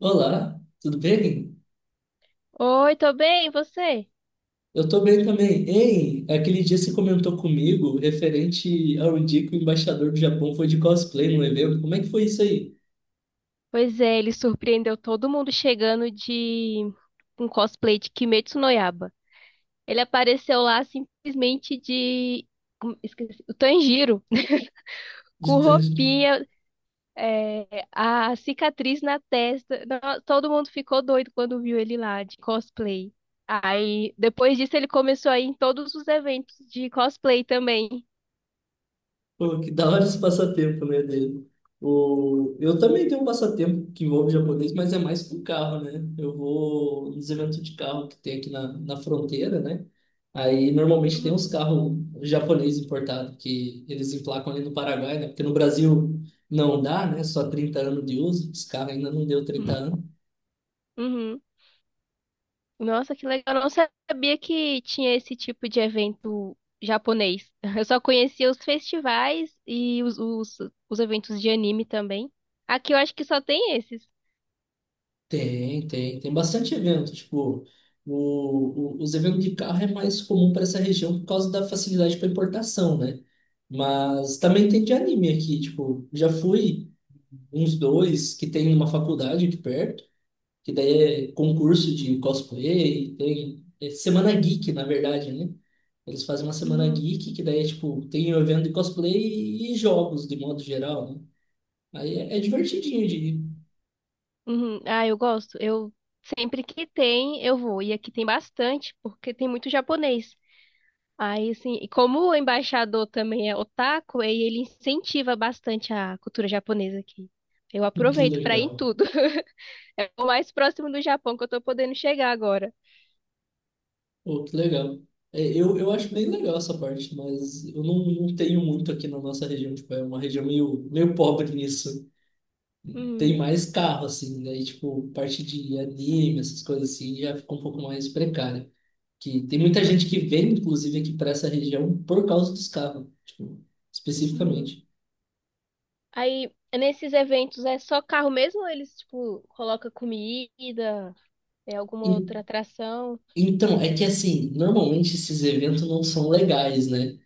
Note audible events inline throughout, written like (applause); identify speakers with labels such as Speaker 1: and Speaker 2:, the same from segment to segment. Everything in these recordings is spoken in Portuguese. Speaker 1: Olá, tudo bem?
Speaker 2: Oi, tô bem, e você?
Speaker 1: Eu tô bem também. Ei, aquele dia você comentou comigo referente ao dia que o embaixador do Japão foi de cosplay no evento. Como é que foi isso aí?
Speaker 2: Pois é, ele surpreendeu todo mundo chegando de um cosplay de Kimetsu no Yaiba. Ele apareceu lá simplesmente. Esqueci, o Tanjiro, (laughs)
Speaker 1: De
Speaker 2: com
Speaker 1: tanto.
Speaker 2: roupinha, é, a cicatriz na testa. Todo mundo ficou doido quando viu ele lá de cosplay. Aí, depois disso, ele começou a ir em todos os eventos de cosplay também.
Speaker 1: Pô, que da hora esse passatempo, né, dele. Eu também tenho um passatempo que envolve japonês, mas é mais com carro, né? Eu vou nos eventos de carro que tem aqui na fronteira, né? Aí normalmente tem
Speaker 2: Uhum.
Speaker 1: uns carros japoneses importados que eles emplacam ali no Paraguai, né? Porque no Brasil não dá, né? Só 30 anos de uso, esse carro ainda não deu 30
Speaker 2: (laughs)
Speaker 1: anos.
Speaker 2: Uhum. Nossa, que legal. Eu não sabia que tinha esse tipo de evento japonês. (laughs) Eu só conhecia os festivais e os eventos de anime também. Aqui eu acho que só tem esses.
Speaker 1: Tem bastante evento. Tipo, os eventos de carro é mais comum para essa região por causa da facilidade para importação, né? Mas também tem de anime aqui. Tipo, já fui uns dois que tem numa faculdade aqui perto, que daí é concurso de cosplay, tem é semana geek, na verdade, né? Eles fazem uma semana
Speaker 2: Uhum,
Speaker 1: geek, que daí é tipo, tem um evento de cosplay e jogos de modo geral, né? Aí é divertidinho de ir. (laughs)
Speaker 2: uhum. Ah, eu gosto. Eu sempre que tem, eu vou. E aqui tem bastante, porque tem muito japonês. Aí, assim, e como o embaixador também é otaku, aí ele incentiva bastante a cultura japonesa aqui. Eu
Speaker 1: Que
Speaker 2: aproveito pra ir em
Speaker 1: legal.
Speaker 2: tudo. (laughs) É o mais próximo do Japão que eu tô podendo chegar agora.
Speaker 1: Pô, que legal. É, eu acho bem legal essa parte, mas eu não tenho muito aqui na nossa região, tipo, é uma região meio pobre nisso. Tem
Speaker 2: Uhum.
Speaker 1: mais carro, assim, daí, tipo, parte de anime, essas coisas assim, já fica um pouco mais precária. Que tem muita gente que vem, inclusive, aqui para essa região por causa dos carros, tipo,
Speaker 2: Uhum.
Speaker 1: especificamente.
Speaker 2: Aí, nesses eventos, é só carro mesmo ou eles, tipo, colocam comida, é alguma outra
Speaker 1: En-
Speaker 2: atração?
Speaker 1: Então, é que assim, normalmente esses eventos não são legais, né?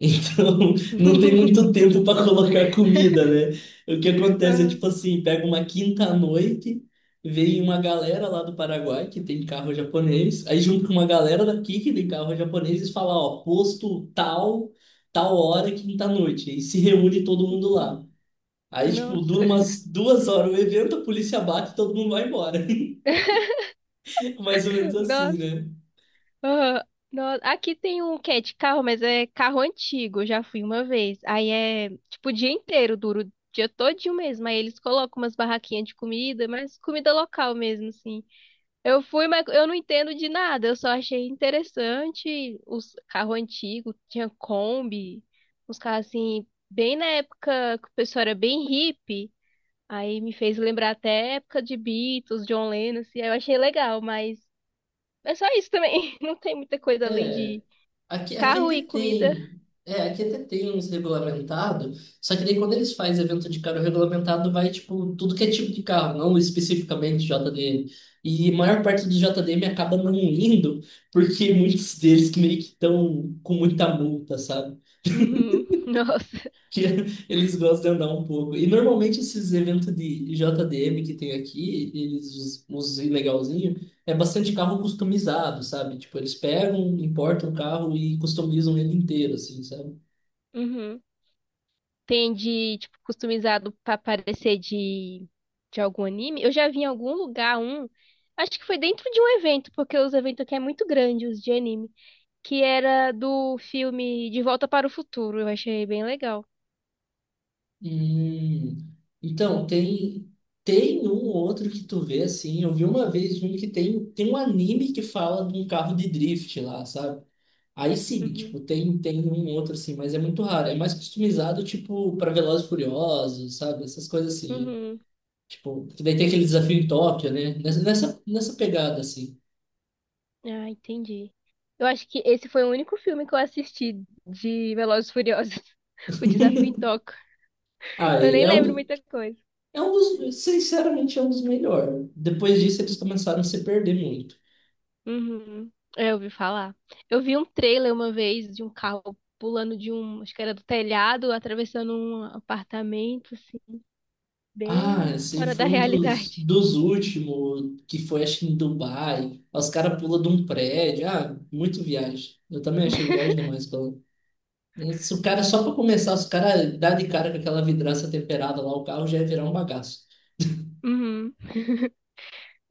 Speaker 1: Então, (laughs) não tem muito
Speaker 2: (laughs)
Speaker 1: tempo para colocar comida, né? O que acontece é
Speaker 2: Ah,
Speaker 1: tipo assim, pega uma quinta-noite, vem uma galera lá do Paraguai que tem carro japonês, aí junto com uma galera daqui que tem carro japonês e fala, ó, posto tal, tal hora, quinta-noite, e se reúne todo mundo
Speaker 2: hum,
Speaker 1: lá. Aí, tipo,
Speaker 2: nossa,
Speaker 1: dura umas 2 horas o evento, a polícia bate e todo mundo vai embora. (laughs) Mais ou menos
Speaker 2: (laughs)
Speaker 1: assim,
Speaker 2: nossa,
Speaker 1: né?
Speaker 2: ah, nossa. Aqui tem um que é de carro, mas é carro antigo, eu já fui uma vez. Aí é, tipo, o dia inteiro, duro, o dia todinho mesmo. Aí eles colocam umas barraquinhas de comida, mas comida local mesmo, assim. Eu fui, mas eu não entendo de nada. Eu só achei interessante os carros antigos, tinha Kombi, uns carros assim, bem na época que o pessoal era bem hippie. Aí me fez lembrar até a época de Beatles, John Lennon, assim, aí eu achei legal, mas é só isso também. (laughs) Não tem muita coisa além de
Speaker 1: Aqui
Speaker 2: carro
Speaker 1: até
Speaker 2: e comida.
Speaker 1: tem. É, aqui até tem uns regulamentados, só que daí quando eles fazem evento de carro regulamentado, vai, tipo, tudo que é tipo de carro, não especificamente JDM. E a maior parte do JDM acaba não indo, porque muitos deles meio que estão com muita multa, sabe?
Speaker 2: Uhum. (laughs) Nossa.
Speaker 1: Que (laughs) eles gostam de andar um pouco. E normalmente esses eventos de JDM que tem aqui, eles, os ilegalzinhos, é bastante carro customizado, sabe? Tipo, eles pegam, importam o carro e customizam ele inteiro, assim, sabe?
Speaker 2: Uhum. Tem de, tipo, customizado pra parecer de algum anime. Eu já vi em algum lugar um, acho que foi dentro de um evento, porque os eventos aqui é muito grande, os de anime, que era do filme De Volta para o Futuro. Eu achei bem legal.
Speaker 1: Hum, então, tem um ou outro que tu vê, assim, eu vi uma vez um que tem, tem um anime que fala de um carro de drift lá, sabe? Aí sim,
Speaker 2: Uhum.
Speaker 1: tipo, tem um outro assim, mas é muito raro. É mais customizado, tipo, para Velozes e Furiosos, sabe? Essas coisas assim.
Speaker 2: Uhum.
Speaker 1: Tipo, que daí tem aquele desafio em Tóquio, né? Nessa pegada, assim.
Speaker 2: Ah, entendi. Eu acho que esse foi o único filme que eu assisti de Velozes e Furiosos, (laughs) O Desafio em Tóquio.
Speaker 1: Ah,
Speaker 2: Eu
Speaker 1: e
Speaker 2: nem lembro muita coisa.
Speaker 1: é um dos, sinceramente, é um dos melhores. Depois disso, eles começaram a se perder muito.
Speaker 2: Uhum. É, eu ouvi falar. Eu vi um trailer uma vez de um carro pulando de um, acho que era do telhado, atravessando um apartamento, assim,
Speaker 1: Ah,
Speaker 2: bem
Speaker 1: esse
Speaker 2: fora da
Speaker 1: foi
Speaker 2: (laughs)
Speaker 1: um dos,
Speaker 2: realidade.
Speaker 1: dos últimos, que foi, acho que em Dubai. Os caras pulam de um prédio. Ah, muito viagem. Eu também achei viagem demais. Se o cara, só para começar, se o cara dá de cara com aquela vidraça temperada lá, o carro já ia virar um bagaço.
Speaker 2: Uhum.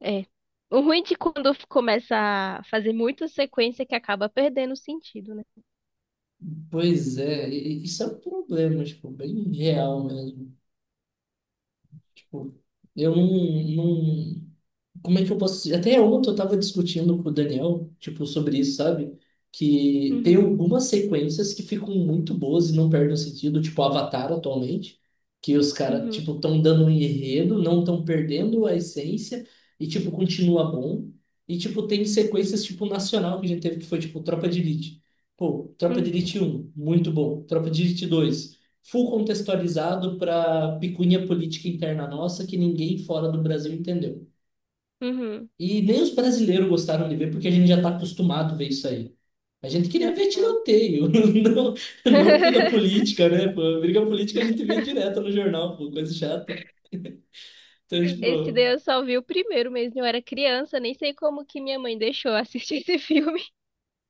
Speaker 2: É. O ruim de quando começa a fazer muita sequência é que acaba perdendo o sentido, né?
Speaker 1: Pois é, e isso é um problema, tipo, bem real mesmo. Tipo, eu não, como é que eu posso dizer? Até ontem eu tava discutindo com o Daniel, tipo, sobre isso, sabe? Que tem
Speaker 2: Uhum.
Speaker 1: algumas sequências que ficam muito boas e não perdem o sentido, tipo Avatar atualmente, que os caras,
Speaker 2: Uhum.
Speaker 1: tipo, estão dando um enredo, não estão perdendo a essência e, tipo, continua bom. E, tipo, tem sequências, tipo, nacional que a gente teve, que foi, tipo, Tropa de Elite. Pô, Tropa de
Speaker 2: Uhum.
Speaker 1: Elite um muito bom. Tropa de Elite 2 full contextualizado para picuinha política interna nossa que ninguém fora do Brasil entendeu.
Speaker 2: Uhum.
Speaker 1: E nem os brasileiros gostaram de ver, porque a gente já está acostumado a ver isso aí. A gente queria
Speaker 2: Não.
Speaker 1: ver tiroteio, (laughs) não, não briga
Speaker 2: (laughs)
Speaker 1: política, né? Pô, briga política a gente vê direto no jornal, pô, coisa chata. Então,
Speaker 2: Esse
Speaker 1: tipo,
Speaker 2: daí eu só vi o primeiro mesmo. Eu era criança, nem sei como que minha mãe deixou eu assistir esse filme.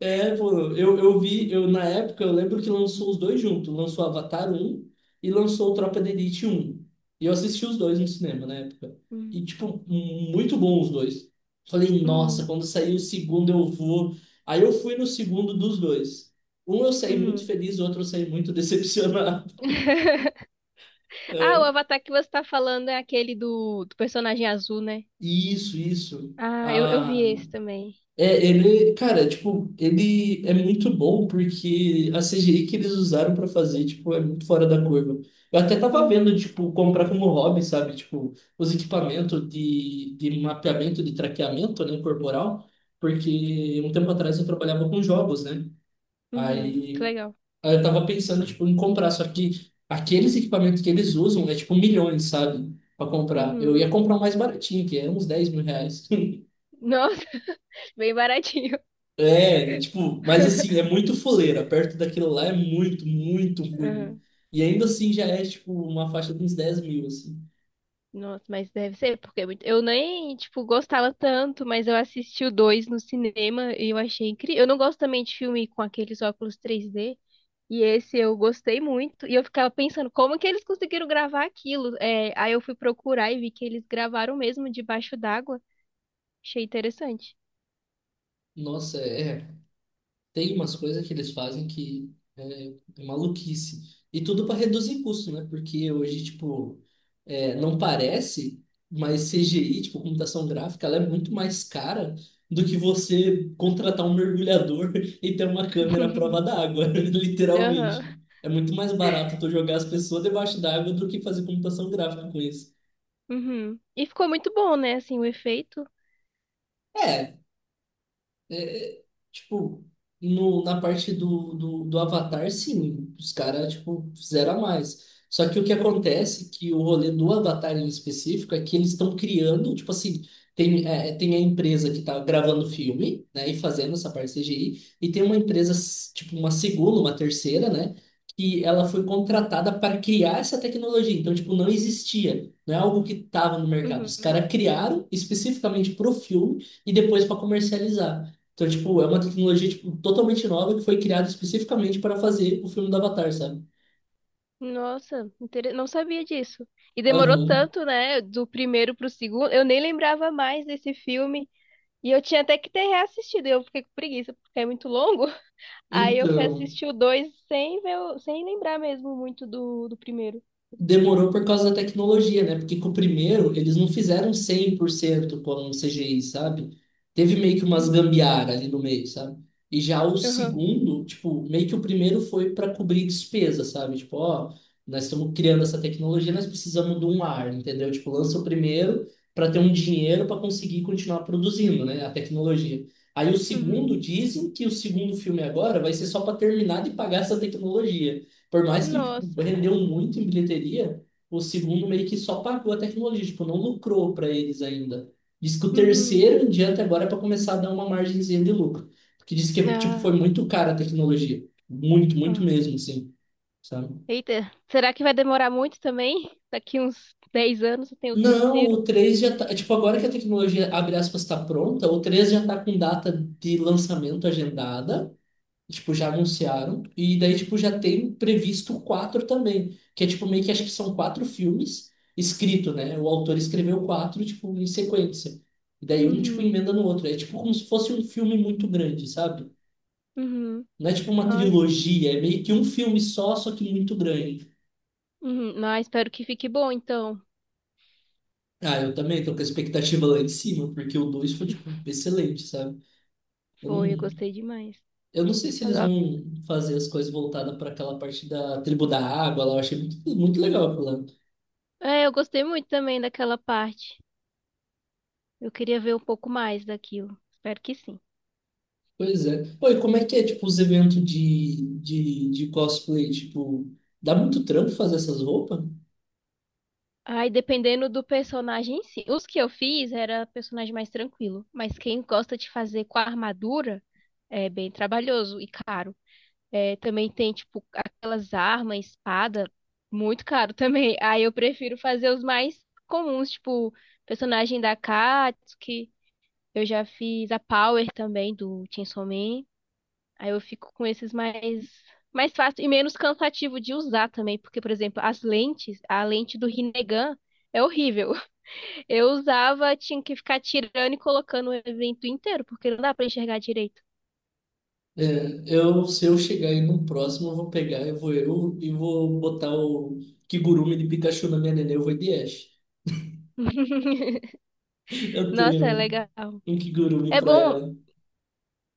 Speaker 1: é, pô, eu vi, eu, na época, eu lembro que lançou os dois juntos. Lançou Avatar um e lançou Tropa de Elite um. E eu assisti os dois no cinema na época.
Speaker 2: Uhum.
Speaker 1: E, tipo, muito bom os dois. Falei, nossa,
Speaker 2: Uhum.
Speaker 1: quando sair o segundo eu vou. Aí eu fui no segundo dos dois. Um eu saí muito
Speaker 2: Uhum.
Speaker 1: feliz, o outro eu saí muito decepcionado. (laughs)
Speaker 2: (laughs) Ah, o
Speaker 1: É,
Speaker 2: Avatar que você tá falando é aquele do personagem azul, né?
Speaker 1: isso, isso.
Speaker 2: Ah, eu vi
Speaker 1: Ah,
Speaker 2: esse também.
Speaker 1: é, ele, cara, tipo, ele é muito bom porque a CGI que eles usaram pra fazer, tipo, é muito fora da curva. Eu até tava vendo,
Speaker 2: Uhum,
Speaker 1: tipo, comprar como hobby, sabe? Tipo, os equipamentos de mapeamento, de traqueamento, né, corporal, porque um tempo atrás eu trabalhava com jogos, né?
Speaker 2: uhum, que
Speaker 1: Aí,
Speaker 2: legal.
Speaker 1: aí eu tava pensando, tipo, em comprar, só que aqueles equipamentos que eles usam é, tipo, milhões, sabe? Pra comprar. Eu
Speaker 2: Uhum.
Speaker 1: ia comprar o mais baratinho, que é uns R$ 10.000. (laughs)
Speaker 2: Nossa, (laughs) bem baratinho.
Speaker 1: É, tipo, mas assim, é muito foleira. Perto daquilo lá é muito, muito ruim.
Speaker 2: Uhum.
Speaker 1: E ainda assim já é, tipo, uma faixa de uns 10 mil, assim.
Speaker 2: Nossa, mas deve ser, porque é eu nem, tipo, gostava tanto, mas eu assisti o dois no cinema e eu achei incrível. Eu não gosto também de filme com aqueles óculos 3D. E esse eu gostei muito. E eu ficava pensando, como que eles conseguiram gravar aquilo? É, aí eu fui procurar e vi que eles gravaram mesmo debaixo d'água. Achei interessante.
Speaker 1: Nossa, é, tem umas coisas que eles fazem que é maluquice. E tudo para reduzir custo, né? Porque hoje, tipo, é, não parece, mas CGI, tipo, computação gráfica, ela é muito mais cara do que você contratar um mergulhador (laughs) e ter uma câmera à prova
Speaker 2: (laughs)
Speaker 1: d'água, (laughs)
Speaker 2: Aham.
Speaker 1: literalmente. É muito mais barato tu jogar as pessoas debaixo d'água do que fazer computação gráfica com isso.
Speaker 2: Uhum. E ficou muito bom, né? Assim, o efeito.
Speaker 1: é É, é, tipo, no, na parte do Avatar, sim, os caras, tipo, fizeram a mais. Só que o que acontece, que o rolê do Avatar em específico, é que eles estão criando, tipo assim, tem a empresa que tá gravando o filme, né, e fazendo essa parte CGI, e tem uma empresa, tipo, uma segunda, uma terceira, né, que ela foi contratada para criar essa tecnologia. Então, tipo, não existia, não é algo que estava no mercado. Os
Speaker 2: Uhum.
Speaker 1: caras criaram especificamente pro filme e depois para comercializar. Então, tipo, é uma tecnologia, tipo, totalmente nova que foi criada especificamente para fazer o filme do Avatar, sabe?
Speaker 2: Nossa, não sabia disso. E demorou
Speaker 1: Aham.
Speaker 2: tanto, né? Do primeiro pro segundo. Eu nem lembrava mais desse filme. E eu tinha até que ter reassistido. Eu fiquei com preguiça, porque é muito longo. (laughs) Aí eu fui
Speaker 1: Então,
Speaker 2: assistir o dois sem ver, sem lembrar mesmo muito do primeiro.
Speaker 1: demorou por causa da tecnologia, né? Porque com o primeiro, eles não fizeram 100% como um CGI, sabe? Teve meio que umas
Speaker 2: Hum.
Speaker 1: gambiarra ali no meio, sabe? E já o
Speaker 2: Aham.
Speaker 1: segundo, tipo, meio que o primeiro foi para cobrir despesa, sabe? Tipo, ó, nós estamos criando essa tecnologia, nós precisamos de um ar, entendeu? Tipo, lança o primeiro para ter um dinheiro para conseguir continuar produzindo, né? A tecnologia. Aí o
Speaker 2: Uhum.
Speaker 1: segundo, dizem que o segundo filme agora vai ser só para terminar de pagar essa tecnologia. Por mais que, tipo,
Speaker 2: Nossa.
Speaker 1: rendeu muito em bilheteria, o segundo meio que só pagou a tecnologia, tipo, não lucrou para eles ainda. Diz que o
Speaker 2: Uhum.
Speaker 1: terceiro em diante agora é para começar a dar uma margenzinha de lucro. Porque diz que, tipo, foi
Speaker 2: Ah,
Speaker 1: muito cara a tecnologia. Muito, muito
Speaker 2: ah.
Speaker 1: mesmo, assim, sabe?
Speaker 2: Eita, será que vai demorar muito também? Daqui uns 10 anos eu tenho o
Speaker 1: Não,
Speaker 2: terceiro?
Speaker 1: o 3 já tá. Tipo, agora que a tecnologia, abre aspas, está pronta, o 3 já tá com data de lançamento agendada. E, tipo, já anunciaram, e daí, tipo, já tem previsto quatro também, que é, tipo, meio que acho que são quatro filmes escrito, né? O autor escreveu quatro, tipo, em sequência. E daí um, tipo,
Speaker 2: Uhum.
Speaker 1: emenda no outro. É, tipo, como se fosse um filme muito grande, sabe?
Speaker 2: Uhum.
Speaker 1: Não é, tipo, uma
Speaker 2: Ai.
Speaker 1: trilogia, é meio que um filme só, só que muito grande.
Speaker 2: Uhum. Mas espero que fique bom, então.
Speaker 1: Ah, eu também tô com a expectativa lá em cima, porque o dois foi, tipo, excelente, sabe? Eu
Speaker 2: Foi, eu
Speaker 1: não...
Speaker 2: gostei demais.
Speaker 1: Eu não sei se
Speaker 2: Mas,
Speaker 1: eles
Speaker 2: ó,
Speaker 1: vão fazer as coisas voltadas para aquela parte da tribo da água lá. Eu achei muito, muito legal aquilo lá.
Speaker 2: é, eu gostei muito também daquela parte. Eu queria ver um pouco mais daquilo. Espero que sim.
Speaker 1: Pois é. Pô, e como é que é, tipo, os eventos de, de cosplay? Tipo, dá muito trampo fazer essas roupas?
Speaker 2: Ai, dependendo do personagem em si. Os que eu fiz era personagem mais tranquilo, mas quem gosta de fazer com a armadura é bem trabalhoso e caro. É, também tem, tipo, aquelas armas, espada, muito caro (laughs) também. Aí eu prefiro fazer os mais comuns, tipo, personagem da Katsuki, eu já fiz a Power também do Chainsaw Man. Aí eu fico com esses mais fácil e menos cansativo de usar também, porque, por exemplo, as lentes, a lente do Rinnegan é horrível. Eu usava, tinha que ficar tirando e colocando o evento inteiro, porque não dá pra enxergar direito.
Speaker 1: É, eu, se eu chegar aí no próximo, eu vou pegar, eu vou eu e vou botar o Kigurumi de Pikachu na minha nenê, eu vou de Ash.
Speaker 2: (laughs)
Speaker 1: (laughs) Eu
Speaker 2: Nossa, é
Speaker 1: tenho
Speaker 2: legal.
Speaker 1: um Kigurumi
Speaker 2: É
Speaker 1: pra
Speaker 2: bom,
Speaker 1: ela.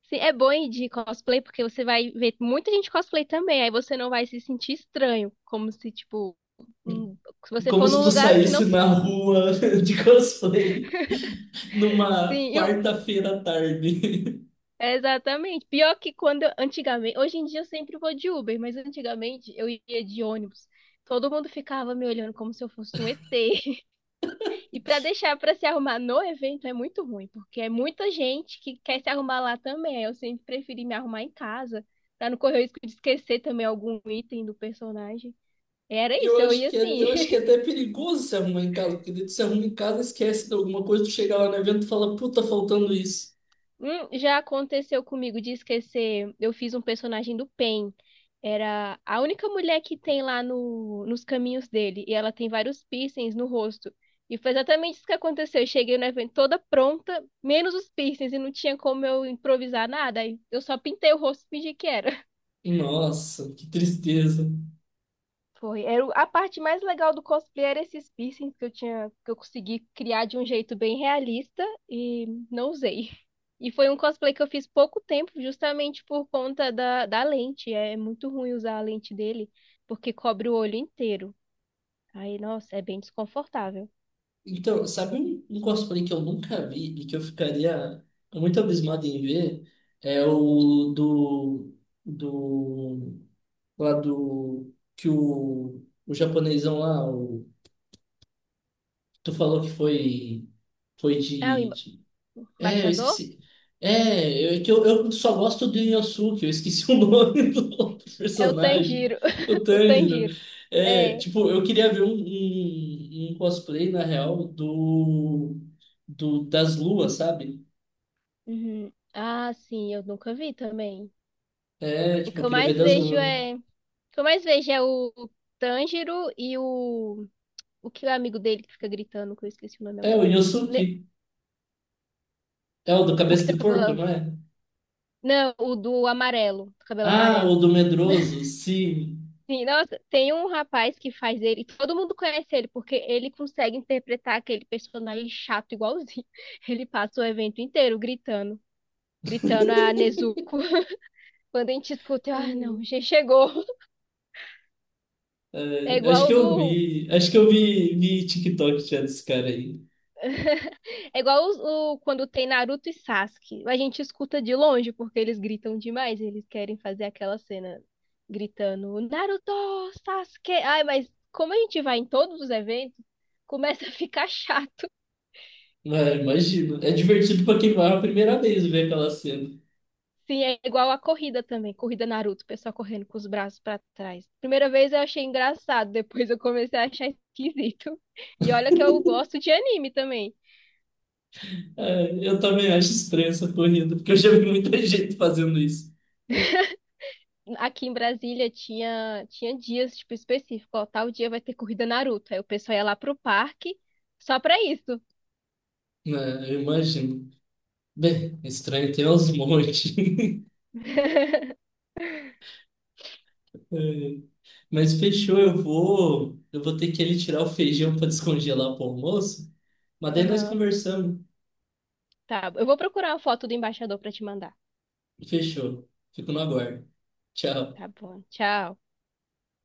Speaker 2: sim, é bom ir de cosplay, porque você vai ver muita gente cosplay também, aí você não vai se sentir estranho, como se, tipo, hum, se você
Speaker 1: Como
Speaker 2: for
Speaker 1: se
Speaker 2: num
Speaker 1: tu
Speaker 2: lugar que não
Speaker 1: saísse
Speaker 2: se...
Speaker 1: na rua (laughs) de cosplay
Speaker 2: (laughs)
Speaker 1: numa
Speaker 2: Sim,
Speaker 1: quarta-feira à tarde.
Speaker 2: é exatamente. Pior que quando, antigamente, hoje em dia eu sempre vou de Uber, mas antigamente eu ia de ônibus. Todo mundo ficava me olhando como se eu fosse um ET. E para deixar para se arrumar no evento é muito ruim, porque é muita gente que quer se arrumar lá também. Eu sempre preferi me arrumar em casa, para não correr o risco de esquecer também algum item do personagem. Era
Speaker 1: Eu
Speaker 2: isso, eu
Speaker 1: acho
Speaker 2: ia
Speaker 1: que é,
Speaker 2: assim,
Speaker 1: eu acho que
Speaker 2: (laughs)
Speaker 1: é até perigoso se arrumar em casa, porque daí tu se arruma em casa, esquece de alguma coisa, tu chega lá no evento e fala, puta, tá faltando isso.
Speaker 2: hum, já aconteceu comigo de esquecer. Eu fiz um personagem do Pen. Era a única mulher que tem lá no, nos caminhos dele. E ela tem vários piercings no rosto. E foi exatamente isso que aconteceu. Eu cheguei no evento toda pronta, menos os piercings. E não tinha como eu improvisar nada. Aí eu só pintei o rosto e fingi que era.
Speaker 1: Nossa, que tristeza.
Speaker 2: Foi. Era a parte mais legal do cosplay era esses piercings que eu tinha, que eu consegui criar de um jeito bem realista e não usei. E foi um cosplay que eu fiz pouco tempo, justamente por conta da lente. É muito ruim usar a lente dele, porque cobre o olho inteiro. Aí, nossa, é bem desconfortável.
Speaker 1: Então, sabe um cosplay que eu nunca vi e que eu ficaria muito abismado em ver? É o do, do, lá do, que o japonesão lá, o, tu falou que foi, foi
Speaker 2: Ah, o emba-
Speaker 1: de É, eu
Speaker 2: embaixador?
Speaker 1: esqueci. É, eu, é que eu só gosto do Inosuke, eu esqueci (laughs) o nome do outro
Speaker 2: É o
Speaker 1: personagem,
Speaker 2: Tanjiro.
Speaker 1: o
Speaker 2: (laughs) O
Speaker 1: Tanjiro.
Speaker 2: Tanjiro.
Speaker 1: É,
Speaker 2: É.
Speaker 1: tipo, eu queria ver um cosplay, na real, do das luas, sabe?
Speaker 2: Uhum. Ah, sim, eu nunca vi também.
Speaker 1: É, tipo, eu queria ver das luas.
Speaker 2: O que eu mais vejo é o Tanjiro. O que é o amigo dele que fica gritando, que eu esqueci o nome
Speaker 1: É,
Speaker 2: agora.
Speaker 1: o
Speaker 2: Ne-
Speaker 1: Inosuke. É o do
Speaker 2: O que
Speaker 1: cabeça de
Speaker 2: tem o
Speaker 1: porco,
Speaker 2: cabelo.
Speaker 1: não é?
Speaker 2: Não, o do amarelo. Do cabelo
Speaker 1: Ah, o
Speaker 2: amarelo.
Speaker 1: do
Speaker 2: (laughs)
Speaker 1: medroso, sim.
Speaker 2: Sim, nossa, tem um rapaz que faz ele. Todo mundo conhece ele, porque ele consegue interpretar aquele personagem chato igualzinho. (laughs) Ele passa o evento inteiro gritando. Gritando a
Speaker 1: (laughs)
Speaker 2: Nezuko. (laughs) Quando a gente escuta, ah, não, já chegou. É
Speaker 1: É, acho que eu
Speaker 2: igual
Speaker 1: vi. Acho que eu vi TikTok já desse cara aí.
Speaker 2: É igual, quando tem Naruto e Sasuke. A gente escuta de longe porque eles gritam demais. Eles querem fazer aquela cena gritando Naruto, Sasuke. Ai, mas como a gente vai em todos os eventos, começa a ficar (laughs) chato.
Speaker 1: Ah, imagino. É divertido pra quem vai a primeira vez ver aquela cena.
Speaker 2: Sim, é igual a corrida também. Corrida Naruto, o pessoal correndo com os braços pra trás. Primeira vez eu achei engraçado, depois eu comecei a achar esquisito. E olha que eu gosto de anime também.
Speaker 1: É, eu também acho estranha essa corrida, porque eu já vi muita (laughs) gente fazendo isso.
Speaker 2: Aqui em Brasília tinha, dias, tipo, específicos. Ó, tal dia vai ter corrida Naruto. Aí o pessoal ia lá pro parque só pra isso.
Speaker 1: É, eu imagino. Bem, estranho tem aos montes. (laughs) Mas fechou, eu vou ter que ali tirar o feijão para descongelar pro almoço. Mas daí nós
Speaker 2: Aham.
Speaker 1: conversamos.
Speaker 2: Tá, eu vou procurar a foto do embaixador pra te mandar.
Speaker 1: Fechou. Fico no aguardo. Tchau.
Speaker 2: Tá bom, tchau.